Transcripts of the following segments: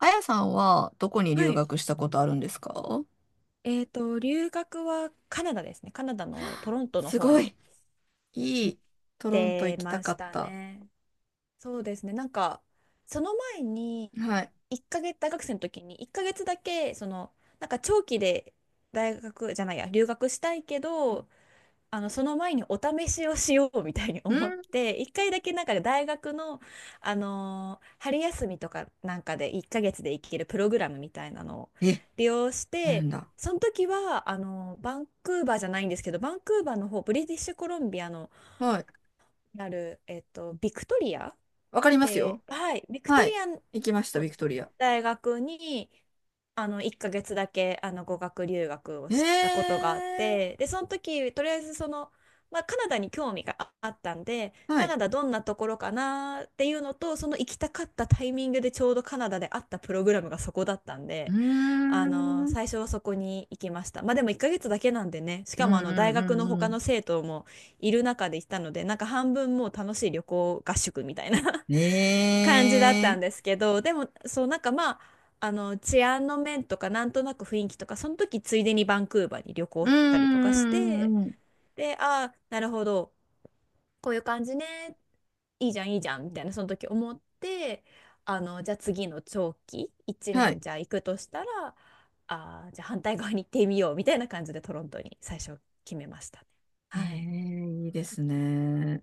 あやさんはどこには留い。学したことあるんですか？留学はカナダですね。カナダのトロントのす方ごい、にい行っい、トロントて行きたまかしったた。ね。そうですね。その前に、はい。1ヶ月、大学生の時に1ヶ月だけ、長期で、大学じゃないや、留学したいけど、その前にお試しをしようみたいにうん。思って、一回だけ、大学の、春休みとかなんかで1ヶ月で行けるプログラムみたいなのをえ、利用しあるて、んだ。その時はバンクーバーじゃないんですけど、バンクーバーの方、ブリティッシュコロンビアのはい。ある、ビクトリアわかりますで、よ。はい、ビクトはリい。アの行きました、ビクトリア。大学に1ヶ月だけ語学留学をえー。したことがあって、でその時とりあえずまあ、カナダに興味があったんで、はカい。ナダどんなところかなっていうのと、その行きたかったタイミングでちょうどカナダであったプログラムがそこだったんうーで、ん。うん最初はそこに行きました。まあでも1ヶ月だけなんでね、しうかんも大学のう他んうの生徒もいる中で行ったので、なんか半分もう楽しい旅行合宿みたいなん。感じだっえたんー。ですけど、でも、そう、なんかまあ、治安の面とか、なんとなく雰囲気とか、その時、ついでにバンクーバーに旅行うん、したりとかしうん、うて、んうん。で、ああ、なるほど、こういう感じね、いいじゃん、いいじゃん、みたいな、その時思って、じゃあ次の長期、1は年い。じゃあ行くとしたら、ああ、じゃあ反対側に行ってみよう、みたいな感じでトロントに最初決めましたね。えー、はい。いいですね。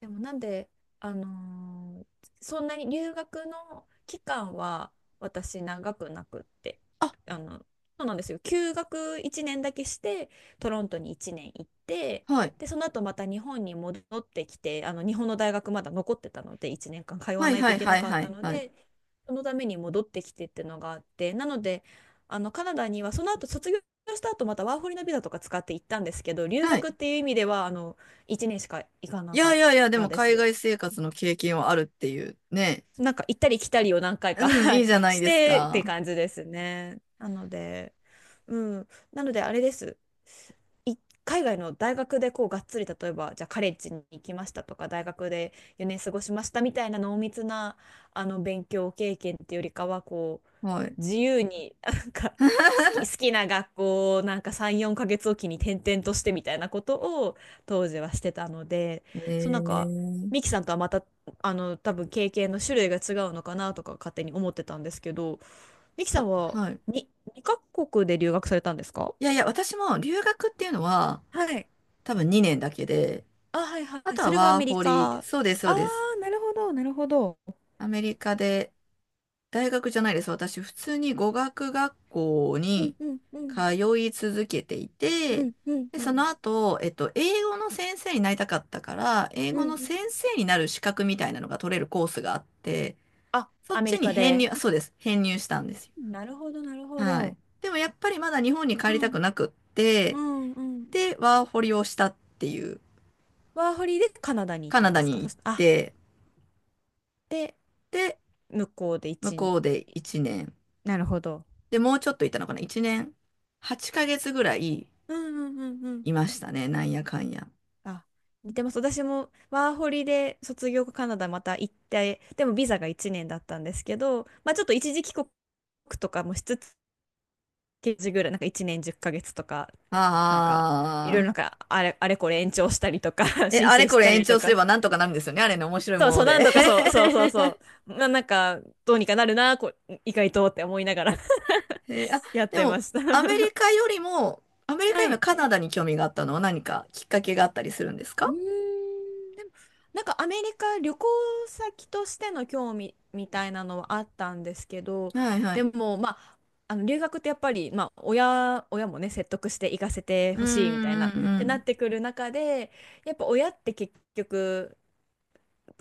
でもなんで、あのーそんなに留学の期間は私長くなくって、あ、あの、そうなんですよ。休学1年だけして、トロントに1年行って、はい。で、その後また日本に戻ってきて、日本の大学まだ残ってたので、1年間通わはい、ないはといい、けはない、かっはたい、のはい。で、そのために戻ってきてっていうのがあって、なので、カナダにはその後卒業した後、またワーホリのビザとか使って行ったんですけど、留はい、学っていう意味では、1年しか行かいなかやいっやいや、でたもで海す。外生活の経験はあるっていうね。なんか行ったり来たりを何回か、うん、はいいい、じゃないしですてってか。感じですね。なので、うん。なのであれです。い海外の大学でこうがっつり、例えばじゃあカレッジに行きましたとか、大学で4年過ごしましたみたいな濃密な勉強経験っていうよりかは、こうはい。自由になんか好き、好きな学校をなんか3、4ヶ月おきに転々としてみたいなことを当時はしてたので、えそう、なんかー、ミキさんとはまた多分経験の種類が違うのかなとか勝手に思ってたんですけど、ミキさあ、んははい。に2カ国で留学されたんですか？いやいや、私も留学っていうのははい。多分2年だけで、あ、はいはあい。とそはれがアワメーリホリ、カ。あそうです、そうあ、です。なるほど。アメリカで、大学じゃないです。私、普通に語学学校うんにうんうん。通い続けていうて、んうんで、うそのん。後、英語の先生になりたかったから、英うん語うのん。先生になる資格みたいなのが取れるコースがあって、あ、そっアメちリにカ編入、で。そうです。編入したんですよ。なるほど、なるほはい。ど。でもやっぱりまだ日本にう帰りたん。くなくって、うんうん。で、ワーホリをしたっていう、ワーホリでカナダに行っカたナんでダすか、にそ行っして、あ、て、で、で、向こうで向一年、こうで1年、なるほど。で、もうちょっといたのかな？ 1 年8ヶ月ぐらいうんうんうんうん。いましたね。なんやかんや。あ、似てます。私もワーホリで卒業後カナダまた行って、でもビザが1年だったんですけど、まあちょっと一時帰国とかもしつつ、時ぐらい、なんか1年10ヶ月とかなんか、いろいろあなんあ。か、あれ、あれこれ延長したりとか、 え、申あれ請しこれた延りと長すれか、ばなんとかなるんですよね。あれの面白いそもうそのう、何で。度かそう、そうそうそ う、まあ、なんか、どうにかなるな、こう、意外とって思いながら、 あ、やっでてまも、した。 アメリ カよりも、アメリカはよりもい。カナダに興味があったのは何かきっかけがあったりするんですうーか？ん、なんかアメリカ旅行先としての興味みたいなのはあったんですけど、はいはでい。も、まあ、留学ってやっぱり、まあ、親もね、説得して行かせてうーん、ほしいみたいな、っうん、うてなん。ってくる中で、やっぱ親って結局、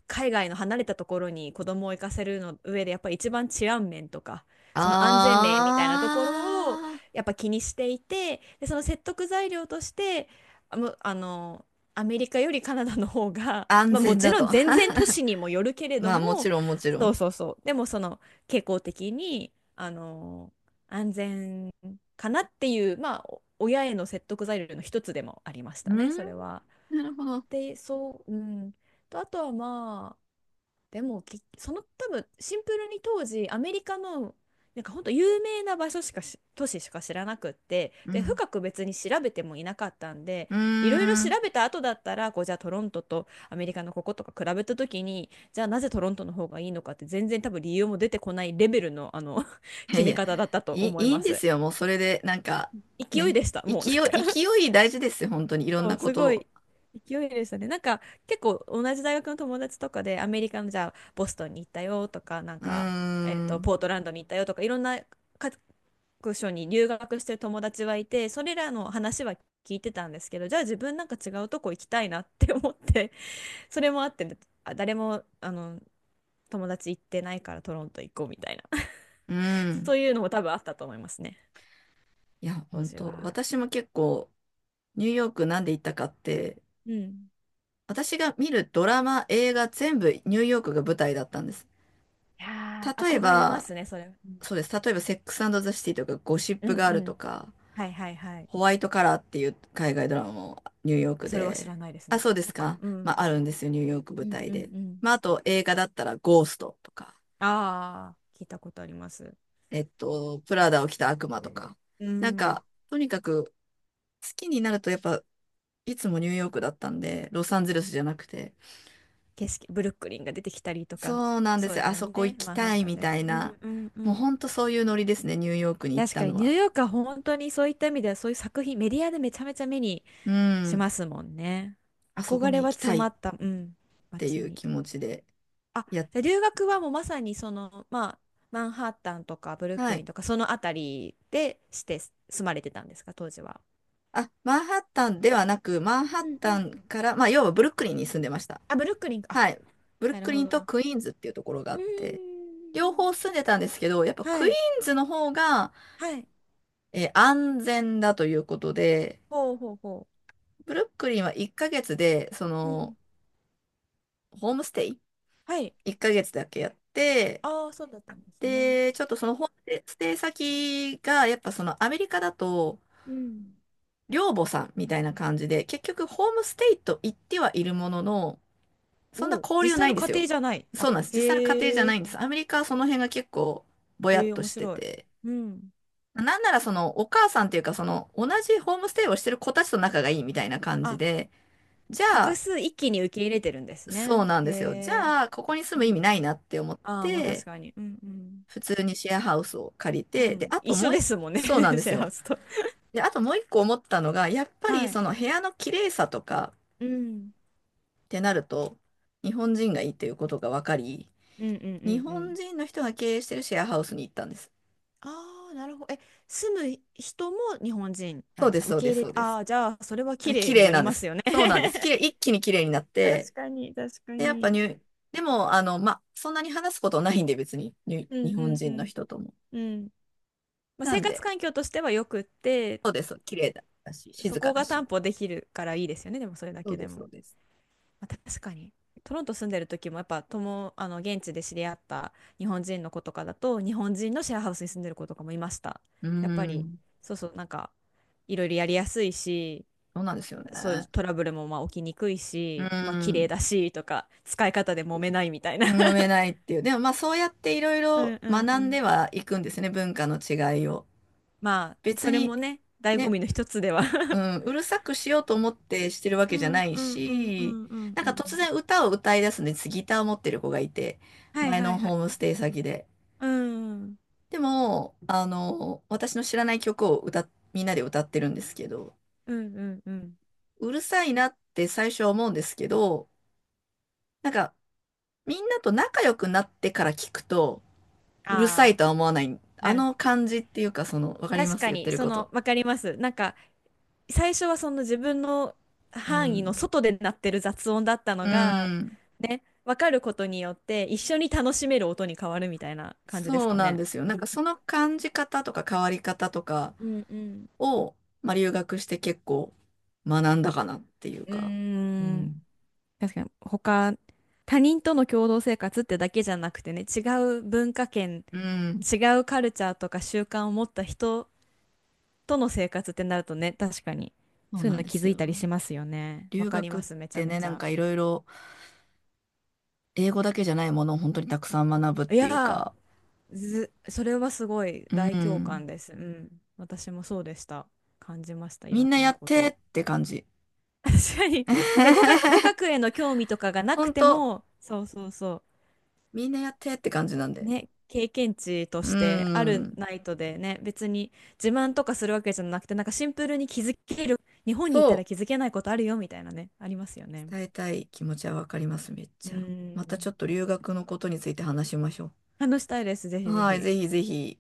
海外の離れたところに子供を行かせるの上でやっぱり一番治安面とか、あその安全面みたいなところをやっぱ気にしていて、でその説得材料として、あむあのアメリカよりカナダの方が、あ、安まあ、も全ちだろと。ん全然都市 にもよるけれどまあ、もちも、ろん、もちろそうん。そうそう、でもその傾向的に安全かなっていう、まあ、お親への説得材料の一つでもありましうたねん、それは。なるほど。でそう、うん、とあとはまあ、でもその多分シンプルに当時アメリカの、なんか本当有名な場所しかし都市しか知らなくって、うでん。深く別に調べてもいなかったんで、うーいろいろ調ん。べた後だったらこう、じゃあトロントとアメリカのこことか比べた時にじゃあなぜトロントの方がいいのかって全然多分理由も出てこないレベルの、いや決いめや、方だったといい、思いいいまんです。すよ。もうそれで、なんか、勢いね。でしたもう、勢なんか、い、勢い大事ですよ。本当に。いろんそなう、こすごと。い勢いでしたね。なんか結構同じ大学の友達とかでアメリカのじゃあボストンに行ったよとか、なんうーか、ん。ポートランドに行ったよとか、いろんな各所に留学してる友達はいて、それらの話は聞いてたんですけど、じゃあ自分なんか違うとこ行きたいなって思って、それもあって、誰も友達行ってないからトロント行こうみたいな、う ん。そういうのも多分あったと思いますね、いや、当本時当。は。私も結構、ニューヨークなんで行ったかって、うん。私が見るドラマ、映画、全部ニューヨークが舞台だったんです。いやー、例え憧れまば、すね、それ。うんそうです。例えば、セックスザ・シティとか、ゴシッうプんガールうとん。か、はいはいはい。ホワイトカラーっていう海外ドラマもニューヨーあ、クそれは知らで、ないですあ、ね。そうでそすっか。か。うまん。あ、あるんですよ、ニューヨーク舞うん台うで。んうん。まあ、あと映画だったらゴーストとか、ああ、聞いたことあります。プラダを着た悪魔とか。うなんん。か、とにかく好きになるとやっぱ、いつもニューヨークだったんで、ロサンゼルスじゃなくて。景色、ブルックリンが出てきたりとか、そうなんでそうすでよ、すあよそこ行ね。きマンハッたいタンみでたと。いうな。んうんうもうん。ほんとそういうノリですね、ニューヨークに行っ確たかにのニュは。ーヨークは本当にそういった意味ではそういう作品、メディアでめちゃめちゃ目にうしん、ますもんね。あそこ憧にれ行はきた詰いまっった、うん、て街いうに。気持ちで。あ、やじゃあ留学はもうまさにその、まあ、マンハッタンとかブルッはクリい、ンとかそのあたりでして、住まれてたんですか、当時は？あ、マンハッタンではなく、マンハうッうん、うタん。ンから、まあ、要はブルックリンに住んでました。あ、ブルックリンか。あ、はい。ブルッなるクリほンどとな。クイーンズっていうところがあうーって、両ん。方住んでたんですけど、やっぱはクイーい。ンズの方が、はい。安全だということで、ほうほうほブルックリンは1ヶ月で、う。うん。ホームステイ？ はい。1 ヶ月だけやって、ああ、そうだったんですね。で、ちょっとそのホームステイ先が、やっぱそのアメリカだと、うん。寮母さんみたいな感じで、結局ホームステイと言ってはいるものの、そんなおお、交実流な際いのんで家すよ。庭じゃない。そうあ、なんです。実際の家庭じゃへなえ。いんです。アメリカはその辺が結構ぼやへっえ、と面して白い。て。うん。なんならそのお母さんっていうかその同じホームステイをしてる子たちと仲がいいみたいな感じあ、で、じゃ複あ、数一気に受け入れてるんですそうね。なんへですよ。じえ。ゃあ、ここに住うむ意味ん。ないなって思っああ、まあ確て、かに。うんうん。普通にシェアハウスを借りうて、で、ん。あ一とも緒うで。すもんね。シそうなんですェアハよ。ウスと。で、あともう一個思ったのが、やっぱりはい。その部屋の綺麗さとかうん。ってなると、日本人がいいっていうことが分かり、うんうん日うんう本ん。人の人が経営してるシェアハウスに行ったんです。ああ、なるほど。え、住む人も日本人なそんうでですす、か、そ受うけです、入れそうであす。あ、じゃあ、それは綺麗綺に麗なりなんでますす。よね。 そうなんです。綺麗、一気に綺麗になって、確かに、確かで、やっぱに。ニューでも、まあ、そんなに話すことないんで、別に、にうん日う本んう人のん。人とも。うん。まあ、な生ん活で、環境としてはよくって、そうです、綺麗だし、そ静かこだがし。担保できるからいいですよね、でもそれだそうけでです、そも。うです。まあ、確かに。トロント住んでる時もやっぱ現地で知り合った日本人の子とかだと、日本人のシェアハウスに住んでる子とかもいました。うーやっぱり、ん、そうそう、なんか、いろいろやりやすいし、そうなんですよそういうね。トラブルもまあ起きにくいうーし、まあ綺麗ん、だしとか、使い方で揉めないみたいな。揉めないっていう。でも、まあ、そうやっていろいうろんうんう学んでん。はいくんですね、文化の違いを。まあ、別それに、もね、醍醐ね、味の一つでは。 う ん、うるさくしようと思ってしてるわうけじゃなんいうんうんうし、んうんなんうか突ん。然歌を歌い出すんです、ギターを持ってる子がいて、はい前はのいはホい。ームステイ先で。うんでも、私の知らない曲をみんなで歌ってるんですけど、うんうんうん。うるさいなって最初は思うんですけど、なんかみんなと仲良くなってから聞くと、あうるさいあ、とは思わない、あなるほのど。感じっていうか、わかり確ますか言ってに、るそこと。の、わかります。なんか、最初はその自分のう範囲のん。外で鳴ってる雑音だったのうが、ん。ね、わかることによって、一緒に楽しめる音に変わるみたいな感じですそうかなんね。ですよ。なんかその感じ方とか変わり方とか、うんうん。を、まあ、留学して結構学んだかなっていううーか、うん、ん。確かに他人との共同生活ってだけじゃなくてね、違う文化圏、うん、違うカルチャーとか習慣を持った人との生活ってなるとね、確かにそうそういうなんので気すづいたよ。りしますよね。わ留かり学まっす、めちゃてめね、ちなんゃ。かいろいろ英語だけじゃないものを本当にたくさん学ぶっいていうやか、ー、ず、それはすごいう大共ん、感です。うん、私もそうでした。感じました、いみろんなんやなっこてと。って感じ。確かに。ね、語学、語 学への興味とかがなく本て当、も、そうそうそう。みんなやってって感じなんで。ね、経験値とうしてあるん、ナイトでね、別に自慢とかするわけじゃなくて、なんかシンプルに気づける、日本そにいたら気づけないことあるよみたいなね、ありますよう、ね。伝えたい気持ちはわかります、めっうちゃ。またちょん。っと留学のことについて話しましょ話したいです、ぜう。ひぜはい、ひ。ぜひぜひ。